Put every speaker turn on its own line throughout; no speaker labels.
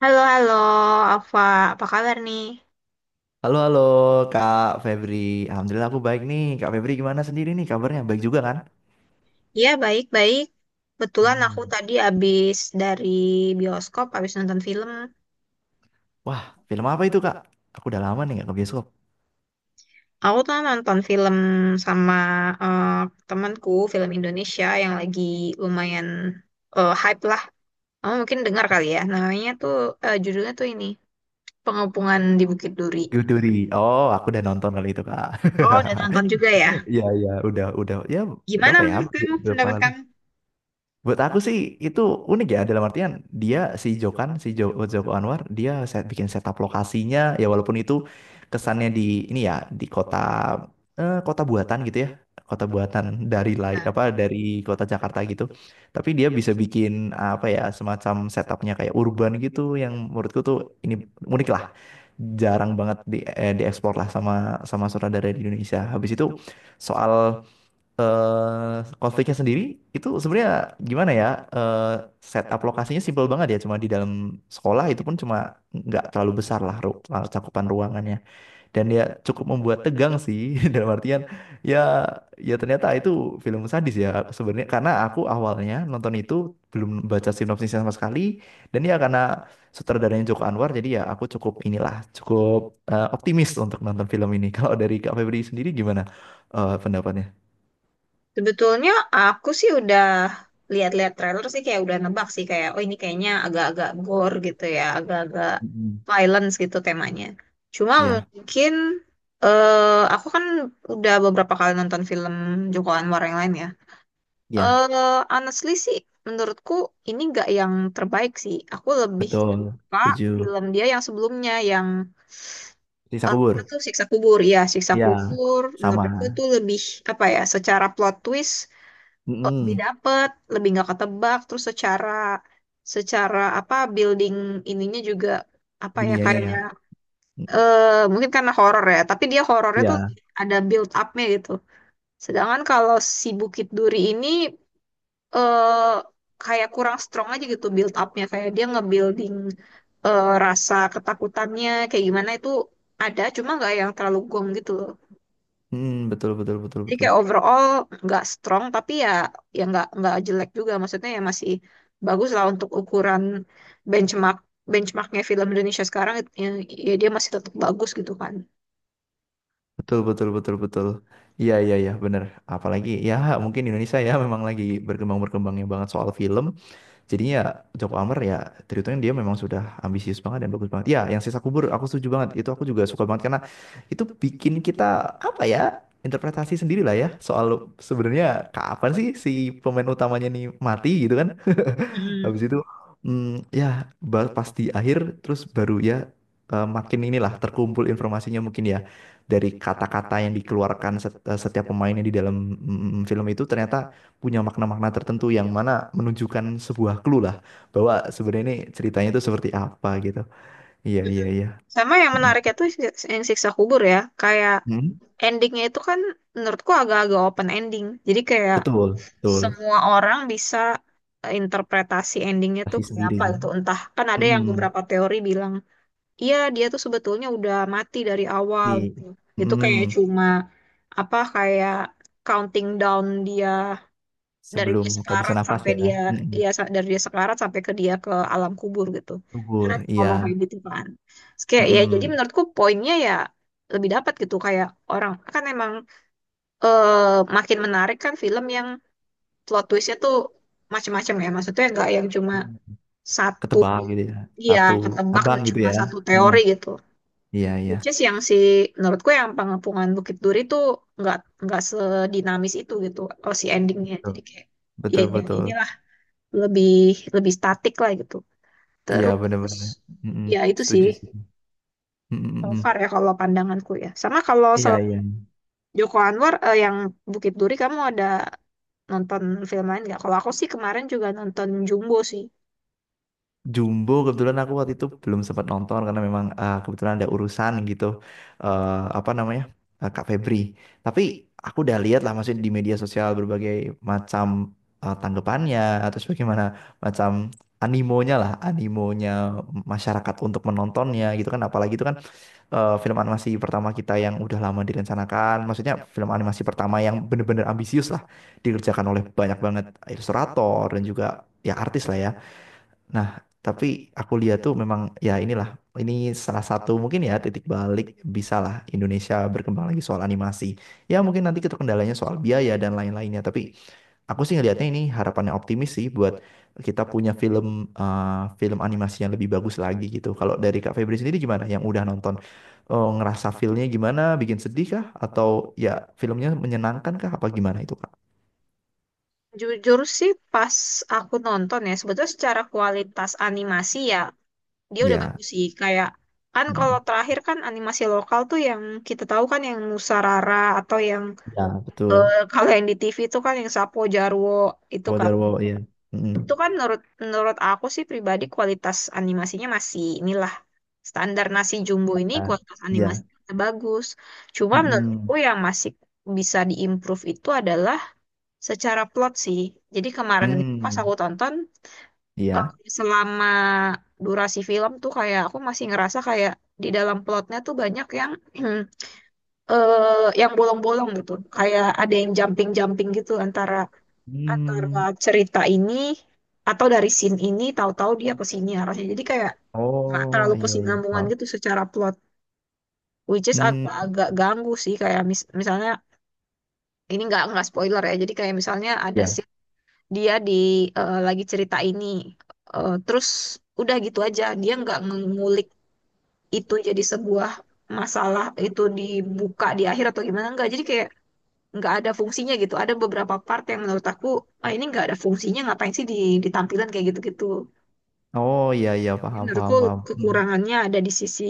Halo, halo, Alfa. Apa kabar nih?
Halo, halo Kak Febri. Alhamdulillah aku baik nih. Kak Febri gimana sendiri nih kabarnya? Baik juga kan?
Iya, baik-baik. Kebetulan
Hmm.
aku tadi habis dari bioskop, habis nonton film.
Wah, film apa itu Kak? Aku udah lama nih nggak ke bioskop.
Aku tuh nonton film sama eh, temanku, film Indonesia yang lagi lumayan hype lah. Kamu mungkin dengar kali ya. Namanya tuh, judulnya tuh ini, Pengepungan di Bukit Duri.
Biduri. Oh, aku udah nonton kali itu Kak.
Oh, udah nonton juga ya?
Iya, iya. Udah, udah.
Gimana
Ya?
menurut kamu,
Berapa
pendapat
lalu?
kamu?
Buat aku sih itu unik ya, dalam artian dia si Jokan si Jo- Joko Anwar, dia set, bikin setup lokasinya ya, walaupun itu kesannya di ini ya, di kota, kota buatan gitu ya, kota buatan dari lai
Ya.
apa dari kota Jakarta gitu, tapi dia bisa bikin apa ya semacam setupnya kayak urban gitu, yang menurutku tuh ini unik lah, jarang banget di dieksplor lah sama sama sutradara di Indonesia. Habis itu soal eh konfliknya sendiri itu sebenarnya gimana ya, eh setup lokasinya simple banget ya, cuma di dalam sekolah, itu pun cuma nggak terlalu besar lah cakupan ruangannya, dan ya cukup membuat tegang sih. Dalam artian ya, ya ternyata itu film sadis ya sebenarnya, karena aku awalnya nonton itu belum baca sinopsisnya sama sekali. Dan ya karena sutradaranya Joko Anwar, jadi ya aku cukup inilah, cukup optimis untuk nonton film ini. Kalau dari Kak Febri sendiri gimana pendapatnya?
Sebetulnya aku sih udah lihat-lihat trailer sih kayak udah nebak sih kayak oh ini kayaknya agak-agak gore gitu ya, agak-agak violence gitu temanya. Cuma
Iya,
mungkin aku kan udah beberapa kali nonton film Joko Anwar yang lain ya.
iya,
Eh honestly sih menurutku ini nggak yang terbaik sih. Aku lebih
betul.
suka
Setuju.
film dia yang sebelumnya yang
Risa
eh,
kubur.
apa tuh siksa kubur ya siksa
Iya,
kubur menurut
sama.
aku tuh lebih apa ya secara plot twist lebih
Mm-mm.
dapet, lebih nggak ketebak, terus secara secara apa building ininya juga apa ya
Dunianya ya.
kayaknya
Mm.
mungkin karena horor ya, tapi dia horornya tuh
Iya.
ada build upnya gitu. Sedangkan kalau si Bukit Duri ini eh kayak kurang strong aja gitu build upnya, kayak dia ngebuilding rasa ketakutannya kayak gimana itu ada, cuma nggak yang terlalu gong gitu.
Mm, betul, betul, betul,
Jadi kayak
betul.
overall nggak strong tapi ya ya nggak jelek juga maksudnya ya masih bagus lah untuk ukuran benchmark benchmarknya film Indonesia sekarang it- ya, ya dia masih tetap bagus gitu kan.
Betul, betul, betul, betul. Iya, iya, iya, bener. Apalagi ya mungkin Indonesia ya memang lagi berkembang-berkembangnya banget soal film. Jadinya ya Joko Anwar ya terhitungnya dia memang sudah ambisius banget dan bagus banget. Ya, yang sisa kubur aku setuju banget. Itu aku juga suka banget, karena itu bikin kita apa ya? Interpretasi sendiri lah ya, soal sebenarnya kapan sih si pemain utamanya nih mati gitu kan.
Hmm.
Habis itu ya pas di akhir terus baru ya makin inilah terkumpul informasinya mungkin ya, dari kata-kata yang dikeluarkan setiap pemainnya di dalam film itu, ternyata punya makna-makna tertentu yang mana menunjukkan sebuah clue lah bahwa sebenarnya ini ceritanya itu seperti apa gitu. Iya iya iya.
Sama yang menariknya
Mm-mm.
tuh si- yang siksa kubur ya kayak
mm
endingnya itu kan menurutku agak-agak open ending. Jadi kayak
Betul betul.
semua orang bisa interpretasi endingnya tuh
Kasih
kayak
sendiri.
apa gitu entah kan ada yang
Mm-mm.
beberapa teori bilang iya, dia tuh sebetulnya udah mati dari awal
Iya.
gitu. Itu kayak
Mm-mm.
cuma apa kayak counting down dia dari
Sebelum
dia sekarat
kehabisan nafas
sampai
ya.
dia
Mm-mm.
ya sa- dari dia sekarat sampai ke dia ke alam kubur gitu. Karena
Gugur.
ngomong kayak
Iya.
gitu kan. Terus kayak ya jadi
Mm-mm.
menurutku poinnya ya lebih dapat gitu kayak orang kan emang makin menarik kan film yang plot twistnya tuh macam-macam ya. Maksudnya nggak yang cuma satu
Ketebak gitu ya.
iya,
Satu
ketebak
abang
dan
gitu
cuma
ya.
satu
Mm-mm.
teori gitu.
Iya iya.
Which is yang si menurutku yang pengepungan Bukit Duri tuh nggak nggak sedinamis itu gitu oh si endingnya jadi kayak ya
Betul
yang
betul. Betul.
inilah lebih lebih statik lah gitu
Iya
terus
benar-benar. Mm-mm.
ya itu sih
Setuju sih.
so
Mm-mm.
far ya kalau pandanganku ya sama kalau
Iya
selain
iya, iya.
Joko Anwar yang Bukit Duri kamu ada nonton film lain nggak kalau aku sih kemarin juga nonton Jumbo sih
Jumbo kebetulan aku waktu itu belum sempat nonton, karena memang kebetulan ada urusan gitu, eh, apa namanya Kak Febri. Tapi aku udah lihat lah, maksudnya di media sosial berbagai macam tanggapannya atau bagaimana macam animonya lah, animonya masyarakat untuk menontonnya gitu kan. Apalagi itu kan film animasi pertama kita yang udah lama direncanakan, maksudnya film animasi pertama yang bener-bener ambisius lah, dikerjakan oleh banyak banget ilustrator dan juga ya artis lah ya. Nah, tapi aku lihat tuh memang ya inilah, ini salah satu mungkin ya titik balik, bisalah Indonesia berkembang lagi soal animasi. Ya mungkin nanti itu kendalanya soal biaya dan lain-lainnya, tapi aku sih ngelihatnya ini harapannya optimis sih buat kita punya film eh, film animasi yang lebih bagus lagi gitu. Kalau dari Kak Febri sendiri gimana? Yang udah nonton ngerasa filmnya gimana? Bikin sedih kah? Atau ya filmnya menyenangkan kah? Apa gimana itu Kak?
jujur sih pas aku nonton ya sebetulnya secara kualitas animasi ya dia udah
Ya,
bagus sih kayak kan kalau
mm,
terakhir kan animasi lokal tuh yang kita tahu kan yang Nusarara atau yang
ya betul.
kalau yang di TV tuh kan yang Sapo Jarwo itu kan
Wajar, wajar, ya.
itu
Mm.
kan menurut menurut aku sih pribadi kualitas animasinya masih inilah standar nasi jumbo ini
Nah,
kualitas
ya.
animasinya masih bagus cuma
Mm-mm.
menurutku yang masih bisa diimprove itu adalah secara plot sih jadi kemarin itu pas aku
Hmm.
tonton kalau
Iya.
selama durasi film tuh kayak aku masih ngerasa kayak di dalam plotnya tuh banyak yang yang bolong-bolong gitu. Kayak ada yang jumping-jumping gitu antara antara
Hmm.
cerita ini atau dari scene ini tahu-tahu dia ke sini arahnya. Jadi kayak nggak
Oh,
terlalu
iya, iya,
kesinambungan
paham.
gitu secara plot. Which is
Hmm.
agak-agak ganggu sih kayak mis- misalnya ini nggak spoiler ya. Jadi kayak misalnya ada
Ya.
scene dia di lagi cerita ini terus udah gitu aja dia nggak ngulik itu jadi sebuah masalah itu dibuka di akhir atau gimana enggak jadi kayak nggak ada fungsinya gitu ada beberapa part yang menurut aku ah ini nggak ada fungsinya ngapain sih di ditampilkan kayak gitu-gitu.
Oh, iya, iya,
Jadi
paham, paham,
menurutku
paham. Hmm.
kekurangannya ada di sisi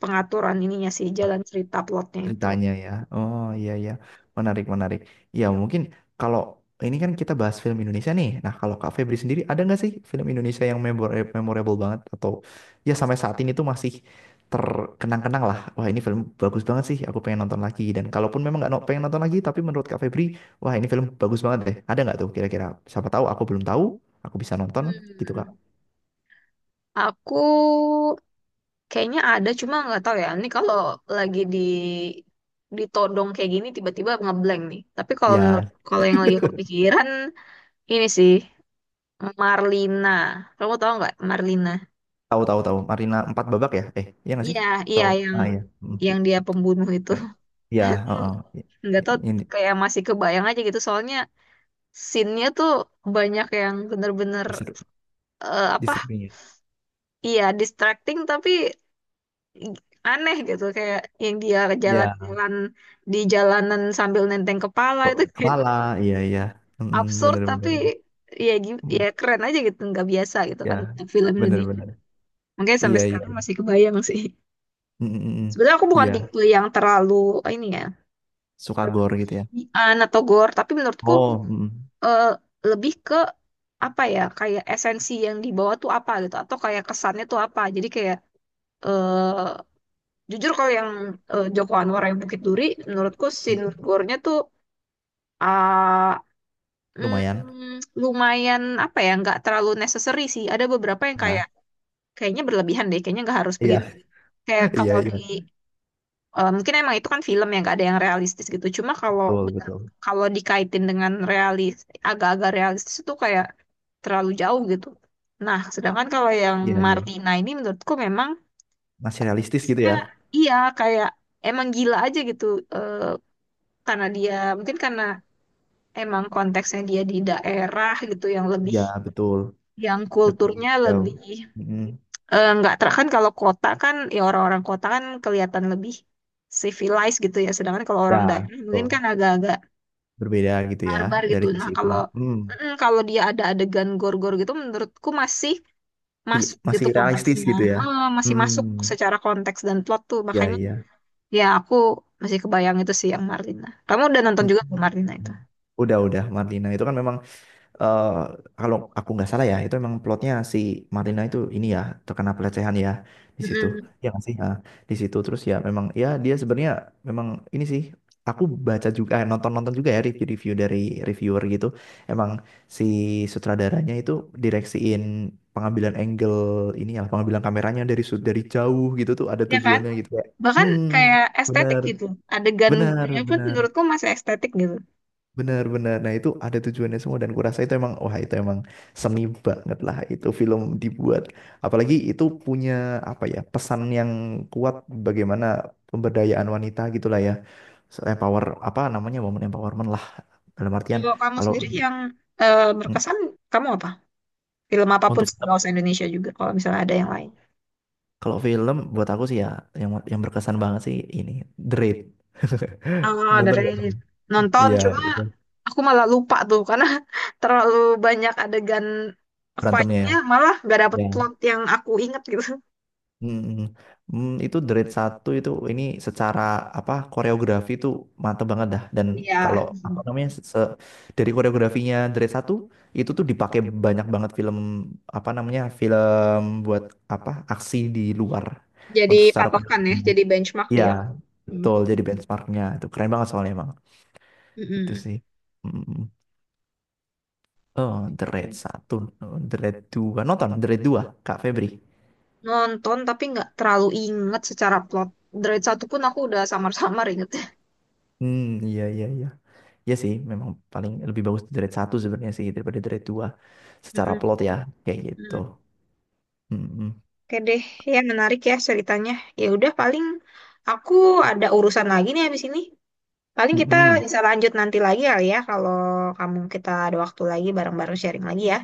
pengaturan ininya sih jalan cerita plotnya itu.
Ceritanya ya. Oh iya iya, menarik menarik. Ya mungkin kalau ini kan kita bahas film Indonesia nih. Nah kalau Kak Febri sendiri ada nggak sih film Indonesia yang memorable banget, atau ya sampai saat ini tuh masih terkenang-kenang lah. Wah ini film bagus banget sih, aku pengen nonton lagi. Dan kalaupun memang nggak pengen nonton lagi, tapi menurut Kak Febri, wah ini film bagus banget deh. Ada nggak tuh kira-kira? Siapa tahu aku belum tahu, aku bisa nonton gitu Kak.
Hmm. Aku kayaknya ada cuma nggak tahu ya ini kalau lagi di ditodong kayak gini tiba-tiba ngeblank nih tapi kalau menurut-
Ya
kalau yang lagi kepikiran ini sih Marlina. Kamu tahu nggak Marlina?
tahu tahu tahu. Marina empat babak ya? Eh iya nggak sih?
Iya, iya
Tahu. Ah iya.
yang dia pembunuh itu.
Yang ya
Itu
heeh
nggak tahu
yang di,
kayak masih kebayang aja gitu soalnya scene-nya tuh banyak yang bener-bener
diser-
apa?
diserbunya ya.
Iya, distracting tapi aneh gitu kayak yang dia
Ya,
jalan-jalan di jalanan sambil nenteng kepala
kok
itu kayak
kepala, iya iya. Mm,
absurd
bener
tapi
bener.
ya gi- ya
Mm,
keren aja gitu nggak biasa gitu
ya
kan film
bener
Indonesia.
bener.
Makanya sampai
Iya iya.
sekarang masih kebayang sih.
Mm, mm, mm.
Sebenarnya aku bukan
Iya,
tipe yang terlalu ini ya
suka gore gitu ya.
berlebihan atau gor, tapi menurutku
Oh mm,
eh, lebih ke apa ya kayak esensi yang dibawa tuh apa gitu atau kayak kesannya tuh apa. Jadi kayak eh jujur kalau yang Joko Anwar yang Bukit Duri, menurutku scene
mm.
gore-nya tuh ah,
Lumayan,
lumayan apa ya nggak terlalu necessary sih. Ada beberapa yang
nah
kayak kayaknya berlebihan deh, kayaknya nggak harus
iya.
begitu. Kayak
Iya
kalau di
iya,
eh, mungkin emang itu kan film yang gak ada yang realistis gitu. Cuma kalau
betul
bener-
betul,
kalau dikaitin dengan realis, agak-agak realistis itu kayak terlalu jauh gitu. Nah, sedangkan kalau yang
iya iya,
Martina ini menurutku memang
masih realistis gitu
ya,
ya.
iya kayak emang gila aja gitu. Eh, karena dia mungkin karena emang konteksnya dia di daerah gitu yang lebih
Iya betul,
yang
lebih
kulturnya
jauh.
lebih
Mm, mm.
eh, nggak ter kan kalau kota kan ya orang-orang kota kan kelihatan lebih civilized gitu ya sedangkan kalau orang
Ya
daerah mungkin kan
betul,
agak-agak
berbeda gitu ya,
barbar gitu
dari
nah
sisi
kalau
itunya. Hmm.
kalau dia ada adegan gor-gor gitu menurutku masih
Ri-
masuk gitu
masih realistis
konteksnya.
gitu ya.
Eh, masih
Hmm,
masuk secara konteks dan plot tuh
ya
makanya
ya.
ya aku masih kebayang itu sih yang Marlina kamu udah nonton
Mm.
juga belum Marlina itu.
Udah, udah. Marlina itu kan memang eh, kalau aku nggak salah ya, itu memang plotnya si Marlina itu ini ya, terkena pelecehan ya di situ.
Mm-mm.
Ya nggak sih. Nah, di situ terus ya memang ya dia sebenarnya memang ini sih. Aku baca juga, nonton-nonton juga ya review-review dari reviewer gitu. Emang si sutradaranya itu direksiin pengambilan angle ini ya, pengambilan kameranya dari dari jauh gitu tuh ada
Ya kan
tujuannya gitu ya.
bahkan
Hmm,
kayak estetik
benar,
gitu adegan
benar,
gornya pun
benar.
menurutku masih estetik gitu.
Benar-benar. Nah, itu ada tujuannya semua, dan kurasa itu emang wah itu emang seni banget lah itu film dibuat. Apalagi itu punya apa ya, pesan yang kuat bagaimana pemberdayaan wanita gitulah ya. So, empower apa namanya woman empowerment lah dalam artian
Kalau kamu
kalau
sendiri yang
mm,
berkesan, kamu apa? Film apapun,
untuk film,
nggak usah Indonesia juga, kalau misalnya ada yang lain.
kalau film buat aku sih ya yang berkesan banget sih ini, The Raid.
Oh,
Nonton
dari
gak?
nonton,
Iya,
cuma
itu
aku malah lupa tuh, karena terlalu banyak adegan
berantemnya ya.
fight-nya, malah gak dapet
Ya
plot yang aku inget gitu.
mm, mm, itu Dread satu itu ini secara apa koreografi itu mantep banget dah. Dan
Iya,
kalau apa namanya dari koreografinya Dread satu itu tuh dipakai banyak banget film apa namanya film buat apa aksi di luar
jadi
untuk secara
patokan
koreografi.
ya, jadi benchmark
Iya
dia. Hmm.
betul, jadi benchmarknya itu keren banget soalnya emang itu
Mm-mm.
sih. Mm, mm. Oh Dread satu, Dread dua, nonton Dread dua Kak Febri?
Nonton tapi nggak terlalu inget secara plot. Dari satu pun aku udah samar-samar inget
Hmm, iya iya iya. Iya sih, memang paling lebih bagus di Dread 1 sebenarnya sih daripada Dread 2 secara plot ya, kayak gitu.
ya.
Mm-mm.
Oke deh, ya menarik ya ceritanya. Ya udah paling aku ada urusan lagi nih habis ini. Paling kita
Mm-mm.
bisa lanjut nanti lagi kali ya kalau kamu kita ada waktu lagi bareng-bareng sharing lagi ya.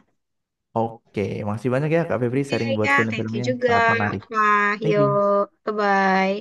Oke, makasih banyak ya Kak Febri
Oke
sharing buat
ya, thank you
film-filmnya.
juga.
Sangat menarik.
Apa,
Thank you.
yuk, bye-bye.